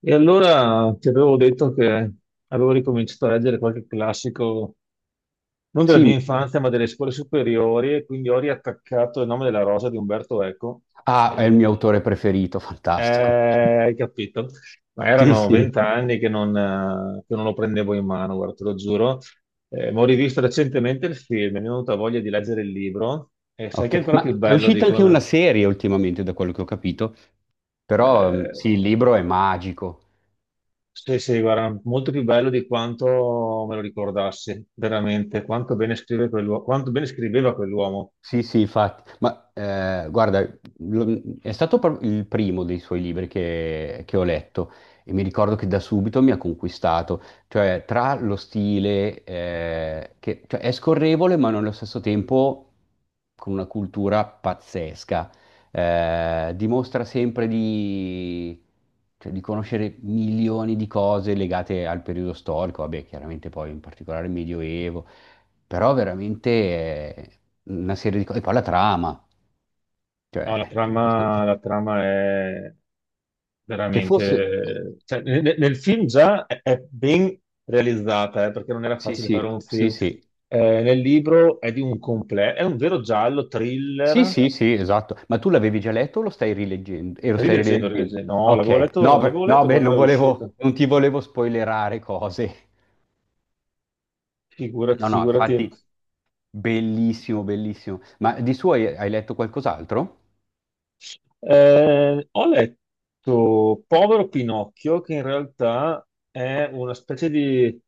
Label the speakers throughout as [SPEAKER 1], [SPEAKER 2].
[SPEAKER 1] E allora ti avevo detto che avevo ricominciato a leggere qualche classico, non della
[SPEAKER 2] Sì,
[SPEAKER 1] mia
[SPEAKER 2] mi-
[SPEAKER 1] infanzia, ma delle scuole superiori, e quindi ho riattaccato Il nome della rosa di Umberto Eco.
[SPEAKER 2] ah, è il
[SPEAKER 1] E-
[SPEAKER 2] mio autore preferito,
[SPEAKER 1] eh,
[SPEAKER 2] fantastico.
[SPEAKER 1] hai capito? Ma
[SPEAKER 2] Sì,
[SPEAKER 1] erano
[SPEAKER 2] sì,
[SPEAKER 1] vent'anni che non lo prendevo in mano, guarda, te lo giuro. Ma ho rivisto recentemente il film, mi è venuta voglia di leggere il libro, e sai che è
[SPEAKER 2] ok.
[SPEAKER 1] ancora
[SPEAKER 2] Ma
[SPEAKER 1] più
[SPEAKER 2] è
[SPEAKER 1] bello,
[SPEAKER 2] uscita anche una
[SPEAKER 1] dico.
[SPEAKER 2] serie ultimamente, da quello che ho capito, però
[SPEAKER 1] eh,
[SPEAKER 2] sì, il libro è magico.
[SPEAKER 1] Sì, sì, guarda, molto più bello di quanto me lo ricordassi, veramente. Quanto bene scrive quell'uomo, quanto bene scriveva quell'uomo.
[SPEAKER 2] Sì, sì, infatti, guarda, è stato il primo dei suoi libri che ho letto e mi ricordo che da subito mi ha conquistato, cioè tra lo stile che cioè, è scorrevole ma nello stesso tempo con una cultura pazzesca. Dimostra sempre di, cioè, di conoscere milioni di cose legate al periodo storico, vabbè, chiaramente poi in particolare il Medioevo. Però veramente una serie di cose. E poi la trama,
[SPEAKER 1] No,
[SPEAKER 2] cioè, che,
[SPEAKER 1] la trama è
[SPEAKER 2] che fosse...
[SPEAKER 1] veramente. Cioè, nel film già è ben realizzata, perché non era
[SPEAKER 2] Sì,
[SPEAKER 1] facile
[SPEAKER 2] sì,
[SPEAKER 1] fare un
[SPEAKER 2] sì,
[SPEAKER 1] film.
[SPEAKER 2] sì.
[SPEAKER 1] Nel libro è di un completo, è un vero giallo,
[SPEAKER 2] Sì,
[SPEAKER 1] thriller.
[SPEAKER 2] sì, sì, esatto. Ma tu l'avevi già letto o lo stai rileggendo? E lo stai
[SPEAKER 1] Rileggendo,
[SPEAKER 2] rileggendo?
[SPEAKER 1] rileggendo. No,
[SPEAKER 2] Ok, no,
[SPEAKER 1] l'avevo
[SPEAKER 2] no,
[SPEAKER 1] letto
[SPEAKER 2] beh,
[SPEAKER 1] quando era
[SPEAKER 2] non volevo,
[SPEAKER 1] uscito.
[SPEAKER 2] non ti volevo spoilerare cose.
[SPEAKER 1] Figurati,
[SPEAKER 2] No, no,
[SPEAKER 1] figurati.
[SPEAKER 2] infatti, bellissimo, bellissimo. Ma di suo hai, hai letto qualcos'altro?
[SPEAKER 1] Ho letto Povero Pinocchio, che in realtà è una specie di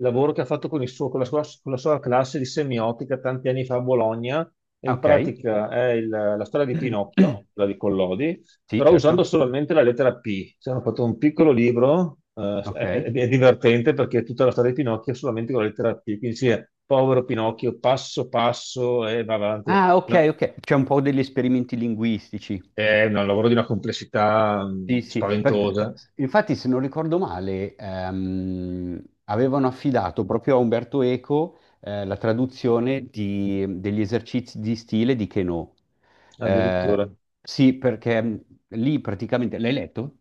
[SPEAKER 1] lavoro che ha fatto con il suo- con la sua classe di semiotica tanti anni fa a Bologna. E in
[SPEAKER 2] Ok.
[SPEAKER 1] pratica è la storia di Pinocchio, quella di Collodi,
[SPEAKER 2] Sì,
[SPEAKER 1] però usando
[SPEAKER 2] certo.
[SPEAKER 1] solamente la lettera P. Ci hanno fatto un piccolo libro, è, è-
[SPEAKER 2] Ok.
[SPEAKER 1] è divertente perché è tutta la storia di Pinocchio solamente con la lettera P. Quindi sì, è Povero Pinocchio, passo passo e va avanti.
[SPEAKER 2] Ah, ok, ok. C'è un po' degli esperimenti linguistici.
[SPEAKER 1] È un lavoro di una complessità
[SPEAKER 2] Sì, sì,
[SPEAKER 1] spaventosa,
[SPEAKER 2] infatti se non ricordo male, avevano affidato proprio a Umberto Eco, la traduzione degli esercizi di stile di Queneau. Eh,
[SPEAKER 1] addirittura.
[SPEAKER 2] sì, perché lì praticamente... L'hai letto?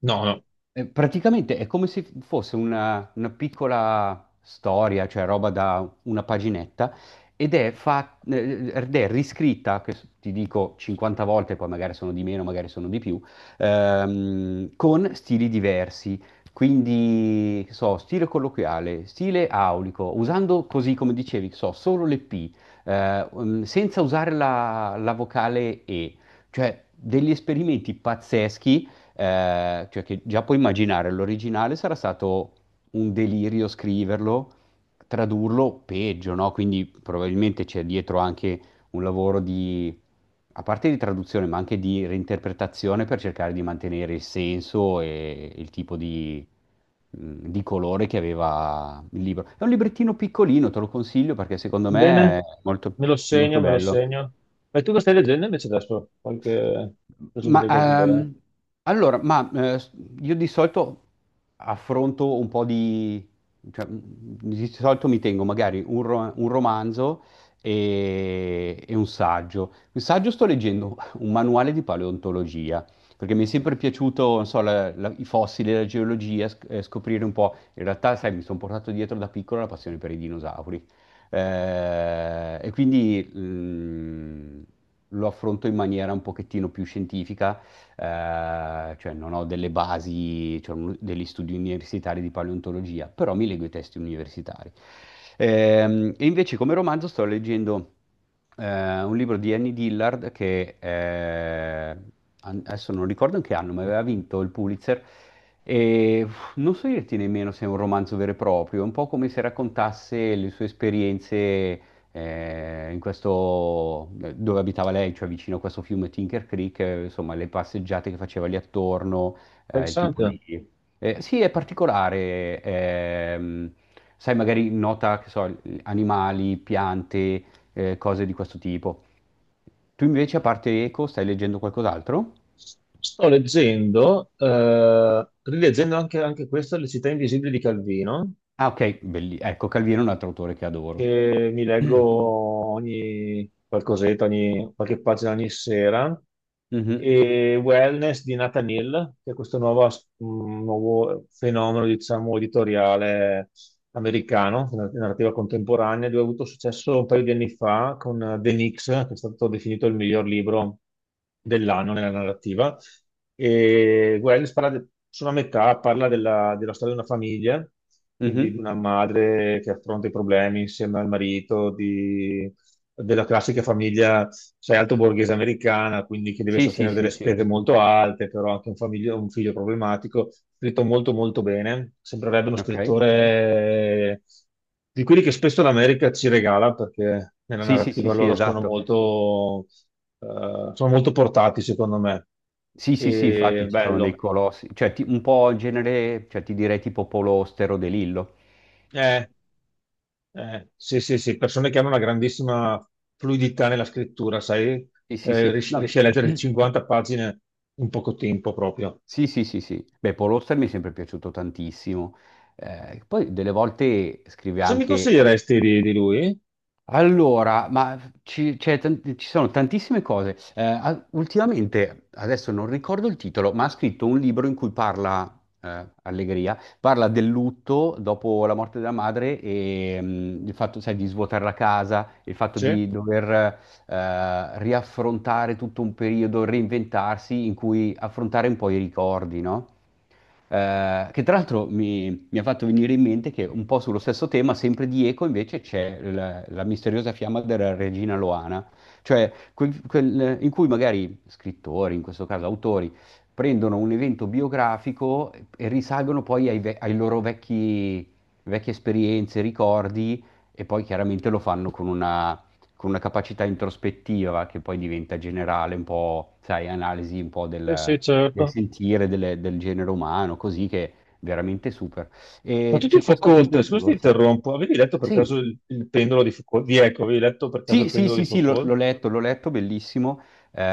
[SPEAKER 1] No, no.
[SPEAKER 2] Praticamente è come se fosse una piccola storia, cioè roba da una paginetta, ed è, ed è riscritta, ti dico 50 volte, poi magari sono di meno, magari sono di più, con stili diversi. Quindi, che so, stile colloquiale, stile aulico, usando così come dicevi, che so, solo le P, senza usare la vocale E, cioè degli esperimenti pazzeschi, cioè che già puoi immaginare, l'originale sarà stato un delirio scriverlo, tradurlo peggio, no? Quindi probabilmente c'è dietro anche un lavoro di, a parte di traduzione, ma anche di reinterpretazione per cercare di mantenere il senso e il tipo di colore che aveva il libro. È un librettino piccolino, te lo consiglio perché secondo
[SPEAKER 1] Bene,
[SPEAKER 2] me è molto,
[SPEAKER 1] me lo segno,
[SPEAKER 2] molto
[SPEAKER 1] me lo
[SPEAKER 2] bello.
[SPEAKER 1] segno. E tu lo stai leggendo invece adesso? Qualche. Così mi
[SPEAKER 2] Ma
[SPEAKER 1] dai qualche idea.
[SPEAKER 2] ehm, allora, io di solito affronto un po' di, cioè, di solito mi tengo magari un romanzo e un saggio. Un saggio, sto leggendo un manuale di paleontologia, perché mi è sempre piaciuto, non so, i fossili, la geologia, scoprire un po'. In realtà, sai, mi sono portato dietro da piccolo la passione per i dinosauri. E quindi lo affronto in maniera un pochettino più scientifica, cioè non ho delle basi, cioè degli studi universitari di paleontologia, però mi leggo i testi universitari. E invece come romanzo sto leggendo un libro di Annie Dillard che adesso non ricordo in che anno, ma aveva vinto il Pulitzer. Non so dirti nemmeno se è un romanzo vero e proprio, è un po' come se raccontasse le sue esperienze in questo, dove abitava lei, cioè vicino a questo fiume Tinker Creek, insomma, le passeggiate che faceva lì attorno, il tipo
[SPEAKER 1] Interessante.
[SPEAKER 2] di... Sì, è particolare. Sai, magari nota, che so, animali, piante, cose di questo tipo. Tu invece, a parte Eco, stai leggendo qualcos'altro?
[SPEAKER 1] Sto leggendo, rileggendo anche questo, Le città invisibili di Calvino,
[SPEAKER 2] Ah, ok, ecco, Calvino è un altro autore che adoro.
[SPEAKER 1] che mi leggo ogni qualcosetta, qualche pagina ogni sera,
[SPEAKER 2] Mhm,
[SPEAKER 1] e Wellness di Nathaniel, che è questo nuovo fenomeno, diciamo, editoriale americano, di narrativa contemporanea. Lui ha avuto successo un paio di anni fa con The Nix, che è stato definito il miglior libro dell'anno nella narrativa. E Wells parla sono a metà, parla della storia di una famiglia, quindi
[SPEAKER 2] mhm.
[SPEAKER 1] di una madre che affronta i problemi insieme al marito, di della classica famiglia, sai, alto borghese americana, quindi che deve
[SPEAKER 2] Sì, sì,
[SPEAKER 1] sostenere
[SPEAKER 2] sì,
[SPEAKER 1] delle
[SPEAKER 2] sì,
[SPEAKER 1] spese molto alte, però anche un figlio problematico, scritto molto molto bene, sembrerebbe uno
[SPEAKER 2] ok.
[SPEAKER 1] scrittore di quelli che spesso l'America ci regala, perché nella
[SPEAKER 2] Sì, sì, sì,
[SPEAKER 1] narrativa
[SPEAKER 2] sì,
[SPEAKER 1] loro sono
[SPEAKER 2] esatto.
[SPEAKER 1] molto portati, secondo me.
[SPEAKER 2] Sì, sì, sì,
[SPEAKER 1] E
[SPEAKER 2] infatti ci sono dei
[SPEAKER 1] bello.
[SPEAKER 2] colossi, cioè un po' in genere, cioè ti direi tipo Polostero De Lillo.
[SPEAKER 1] Eh, sì, sì, sì, persone che hanno una grandissima fluidità nella scrittura, sai.
[SPEAKER 2] Sì, sì, sì,
[SPEAKER 1] Riesci
[SPEAKER 2] no.
[SPEAKER 1] a leggere 50 pagine in poco tempo proprio.
[SPEAKER 2] Sì, sì, sì, sì. Beh, Paul Auster mi è sempre piaciuto tantissimo. Poi delle volte scrive
[SPEAKER 1] Cosa mi
[SPEAKER 2] anche,
[SPEAKER 1] consiglieresti di lui?
[SPEAKER 2] allora, c'è ci sono tantissime cose. Ultimamente, adesso non ricordo il titolo, ma ha scritto un libro in cui parla, Allegria, parla del lutto dopo la morte della madre, e il fatto, sai, di svuotare la casa, il fatto
[SPEAKER 1] Sì.
[SPEAKER 2] di dover riaffrontare tutto un periodo, reinventarsi in cui affrontare un po' i ricordi, no? Che tra l'altro mi, mi ha fatto venire in mente che un po' sullo stesso tema, sempre di Eco, invece c'è la, la misteriosa fiamma della regina Loana, cioè in cui magari scrittori, in questo caso autori, prendono un evento biografico e risalgono poi ai loro vecchi, vecchie esperienze, ricordi, e poi chiaramente lo fanno con una capacità introspettiva che poi diventa generale, un po', sai, analisi un po'
[SPEAKER 1] Sì,
[SPEAKER 2] del
[SPEAKER 1] sì,
[SPEAKER 2] del
[SPEAKER 1] certo.
[SPEAKER 2] sentire del genere umano, così che è veramente super.
[SPEAKER 1] Ma
[SPEAKER 2] E
[SPEAKER 1] tutti i
[SPEAKER 2] c'è questo
[SPEAKER 1] Foucault,
[SPEAKER 2] appunto di
[SPEAKER 1] scusa se ti
[SPEAKER 2] Pulitzer.
[SPEAKER 1] interrompo, avevi letto per
[SPEAKER 2] Sì,
[SPEAKER 1] caso il pendolo di Foucault? Di Ecco, avevi letto per caso il
[SPEAKER 2] sì, sì,
[SPEAKER 1] pendolo di
[SPEAKER 2] sì, sì,
[SPEAKER 1] Foucault?
[SPEAKER 2] l'ho letto, bellissimo.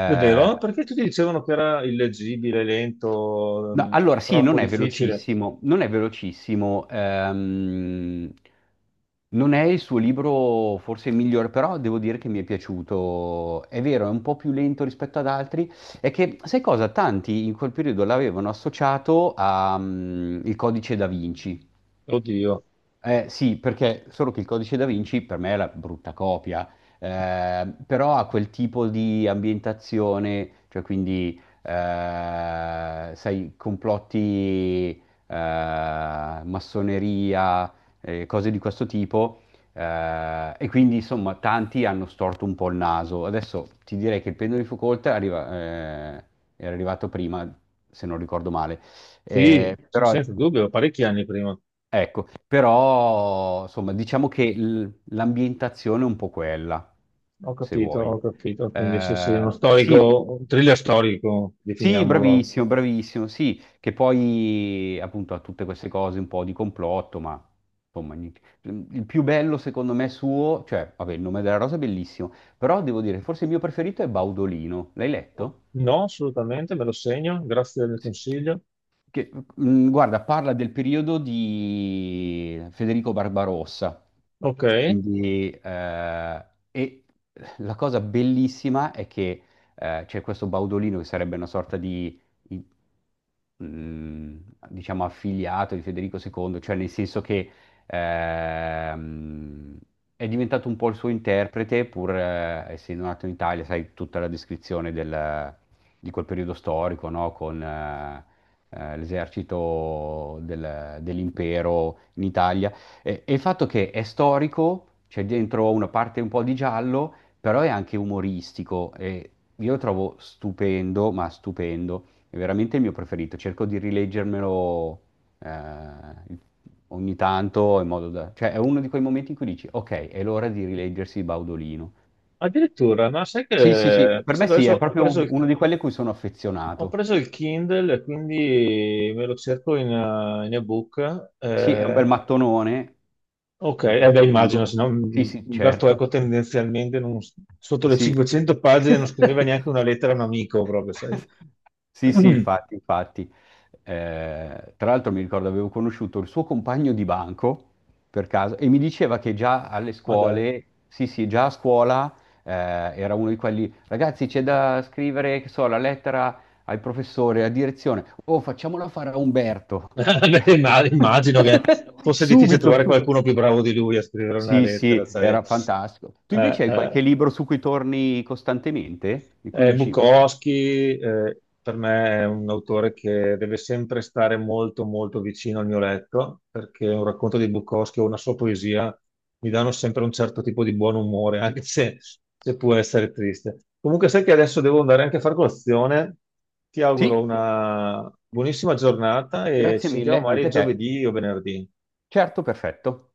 [SPEAKER 1] È vero? Perché tutti dicevano che era illeggibile, lento,
[SPEAKER 2] no, allora, sì,
[SPEAKER 1] troppo
[SPEAKER 2] non è
[SPEAKER 1] difficile.
[SPEAKER 2] velocissimo, non è velocissimo. Non è il suo libro forse il migliore, però devo dire che mi è piaciuto. È vero, è un po' più lento rispetto ad altri. È che, sai cosa? Tanti in quel periodo l'avevano associato al Codice da Vinci.
[SPEAKER 1] Oddio,
[SPEAKER 2] Sì, perché solo che il codice da Vinci per me è la brutta copia, però ha quel tipo di ambientazione, cioè quindi, sai, complotti, massoneria, cose di questo tipo, e quindi insomma tanti hanno storto un po' il naso. Adesso ti direi che il pendolo di Foucault eh, era arrivato prima, se non ricordo male.
[SPEAKER 1] sì,
[SPEAKER 2] Però
[SPEAKER 1] senza dubbio, parecchi anni prima.
[SPEAKER 2] ecco, però insomma, diciamo che l'ambientazione è un po' quella,
[SPEAKER 1] Ho
[SPEAKER 2] se
[SPEAKER 1] capito,
[SPEAKER 2] vuoi.
[SPEAKER 1] ho capito. Quindi sì, sì, è uno
[SPEAKER 2] Sì,
[SPEAKER 1] storico, un thriller storico,
[SPEAKER 2] sì,
[SPEAKER 1] definiamolo.
[SPEAKER 2] bravissimo, bravissimo, sì, che poi appunto ha tutte queste cose un po' di complotto, ma insomma, il più bello secondo me suo, cioè, vabbè, il nome della rosa è bellissimo, però devo dire, forse il mio preferito è Baudolino, l'hai letto?
[SPEAKER 1] No, assolutamente, me lo segno, grazie del
[SPEAKER 2] Sì,
[SPEAKER 1] consiglio.
[SPEAKER 2] che, guarda, parla del periodo di Federico Barbarossa,
[SPEAKER 1] Ok,
[SPEAKER 2] quindi, e la cosa bellissima è che c'è questo Baudolino che sarebbe una sorta di, i- mm, diciamo, affiliato di Federico II, cioè nel senso che ehm, è diventato un po' il suo interprete, pur essendo nato in Italia, sai, tutta la descrizione di quel periodo storico, no? Con l'esercito dell'impero in Italia. E il fatto che è storico, c'è dentro una parte un po' di giallo, però è anche umoristico e io lo trovo stupendo, ma stupendo. È veramente il mio preferito. Cerco di rileggermelo eh, ogni tanto in modo da... Cioè è uno di quei momenti in cui dici, ok, è l'ora di rileggersi Baudolino.
[SPEAKER 1] addirittura, ma sai
[SPEAKER 2] Sì, sì, sì,
[SPEAKER 1] che,
[SPEAKER 2] per
[SPEAKER 1] visto
[SPEAKER 2] me
[SPEAKER 1] che
[SPEAKER 2] sì,
[SPEAKER 1] adesso
[SPEAKER 2] è
[SPEAKER 1] ho
[SPEAKER 2] proprio
[SPEAKER 1] preso
[SPEAKER 2] un-
[SPEAKER 1] il,
[SPEAKER 2] uno di quelli a cui sono
[SPEAKER 1] ho
[SPEAKER 2] affezionato.
[SPEAKER 1] preso il Kindle e quindi me lo cerco in ebook.
[SPEAKER 2] Sì, è un bel
[SPEAKER 1] eh,
[SPEAKER 2] mattonone,
[SPEAKER 1] ok, eh
[SPEAKER 2] piuttosto
[SPEAKER 1] beh, immagino, se
[SPEAKER 2] lungo.
[SPEAKER 1] no
[SPEAKER 2] Sì, sì,
[SPEAKER 1] Umberto Eco
[SPEAKER 2] certo.
[SPEAKER 1] tendenzialmente sotto le
[SPEAKER 2] Sì.
[SPEAKER 1] 500 pagine non scriveva neanche una lettera a un amico, proprio, sai.
[SPEAKER 2] Sì, sì, infatti, infatti. Tra l'altro mi ricordo avevo conosciuto il suo compagno di banco per caso e mi diceva che già alle
[SPEAKER 1] Ma dai.
[SPEAKER 2] scuole, sì, sì, già a scuola era uno di quelli, ragazzi, c'è da scrivere, che so, la lettera al professore, a direzione. Oh, facciamola fare a Umberto.
[SPEAKER 1] Beh,
[SPEAKER 2] Cioè,
[SPEAKER 1] Immagino che fosse difficile
[SPEAKER 2] subito,
[SPEAKER 1] trovare
[SPEAKER 2] su-
[SPEAKER 1] qualcuno più bravo di lui a scrivere una
[SPEAKER 2] sì,
[SPEAKER 1] lettera,
[SPEAKER 2] sì,
[SPEAKER 1] sai.
[SPEAKER 2] era fantastico. Tu
[SPEAKER 1] Eh,
[SPEAKER 2] invece hai qualche
[SPEAKER 1] eh,
[SPEAKER 2] libro su cui torni costantemente? Di cui dici,
[SPEAKER 1] Bukowski, per me è un autore che deve sempre stare molto, molto vicino al mio letto, perché un racconto di Bukowski o una sua poesia mi danno sempre un certo tipo di buon umore, anche se può essere triste. Comunque, sai che adesso devo andare anche a far colazione. Ti auguro
[SPEAKER 2] sì,
[SPEAKER 1] una buonissima giornata e ci
[SPEAKER 2] grazie
[SPEAKER 1] sentiamo
[SPEAKER 2] mille, anche
[SPEAKER 1] magari
[SPEAKER 2] a te.
[SPEAKER 1] giovedì o venerdì.
[SPEAKER 2] Certo, perfetto.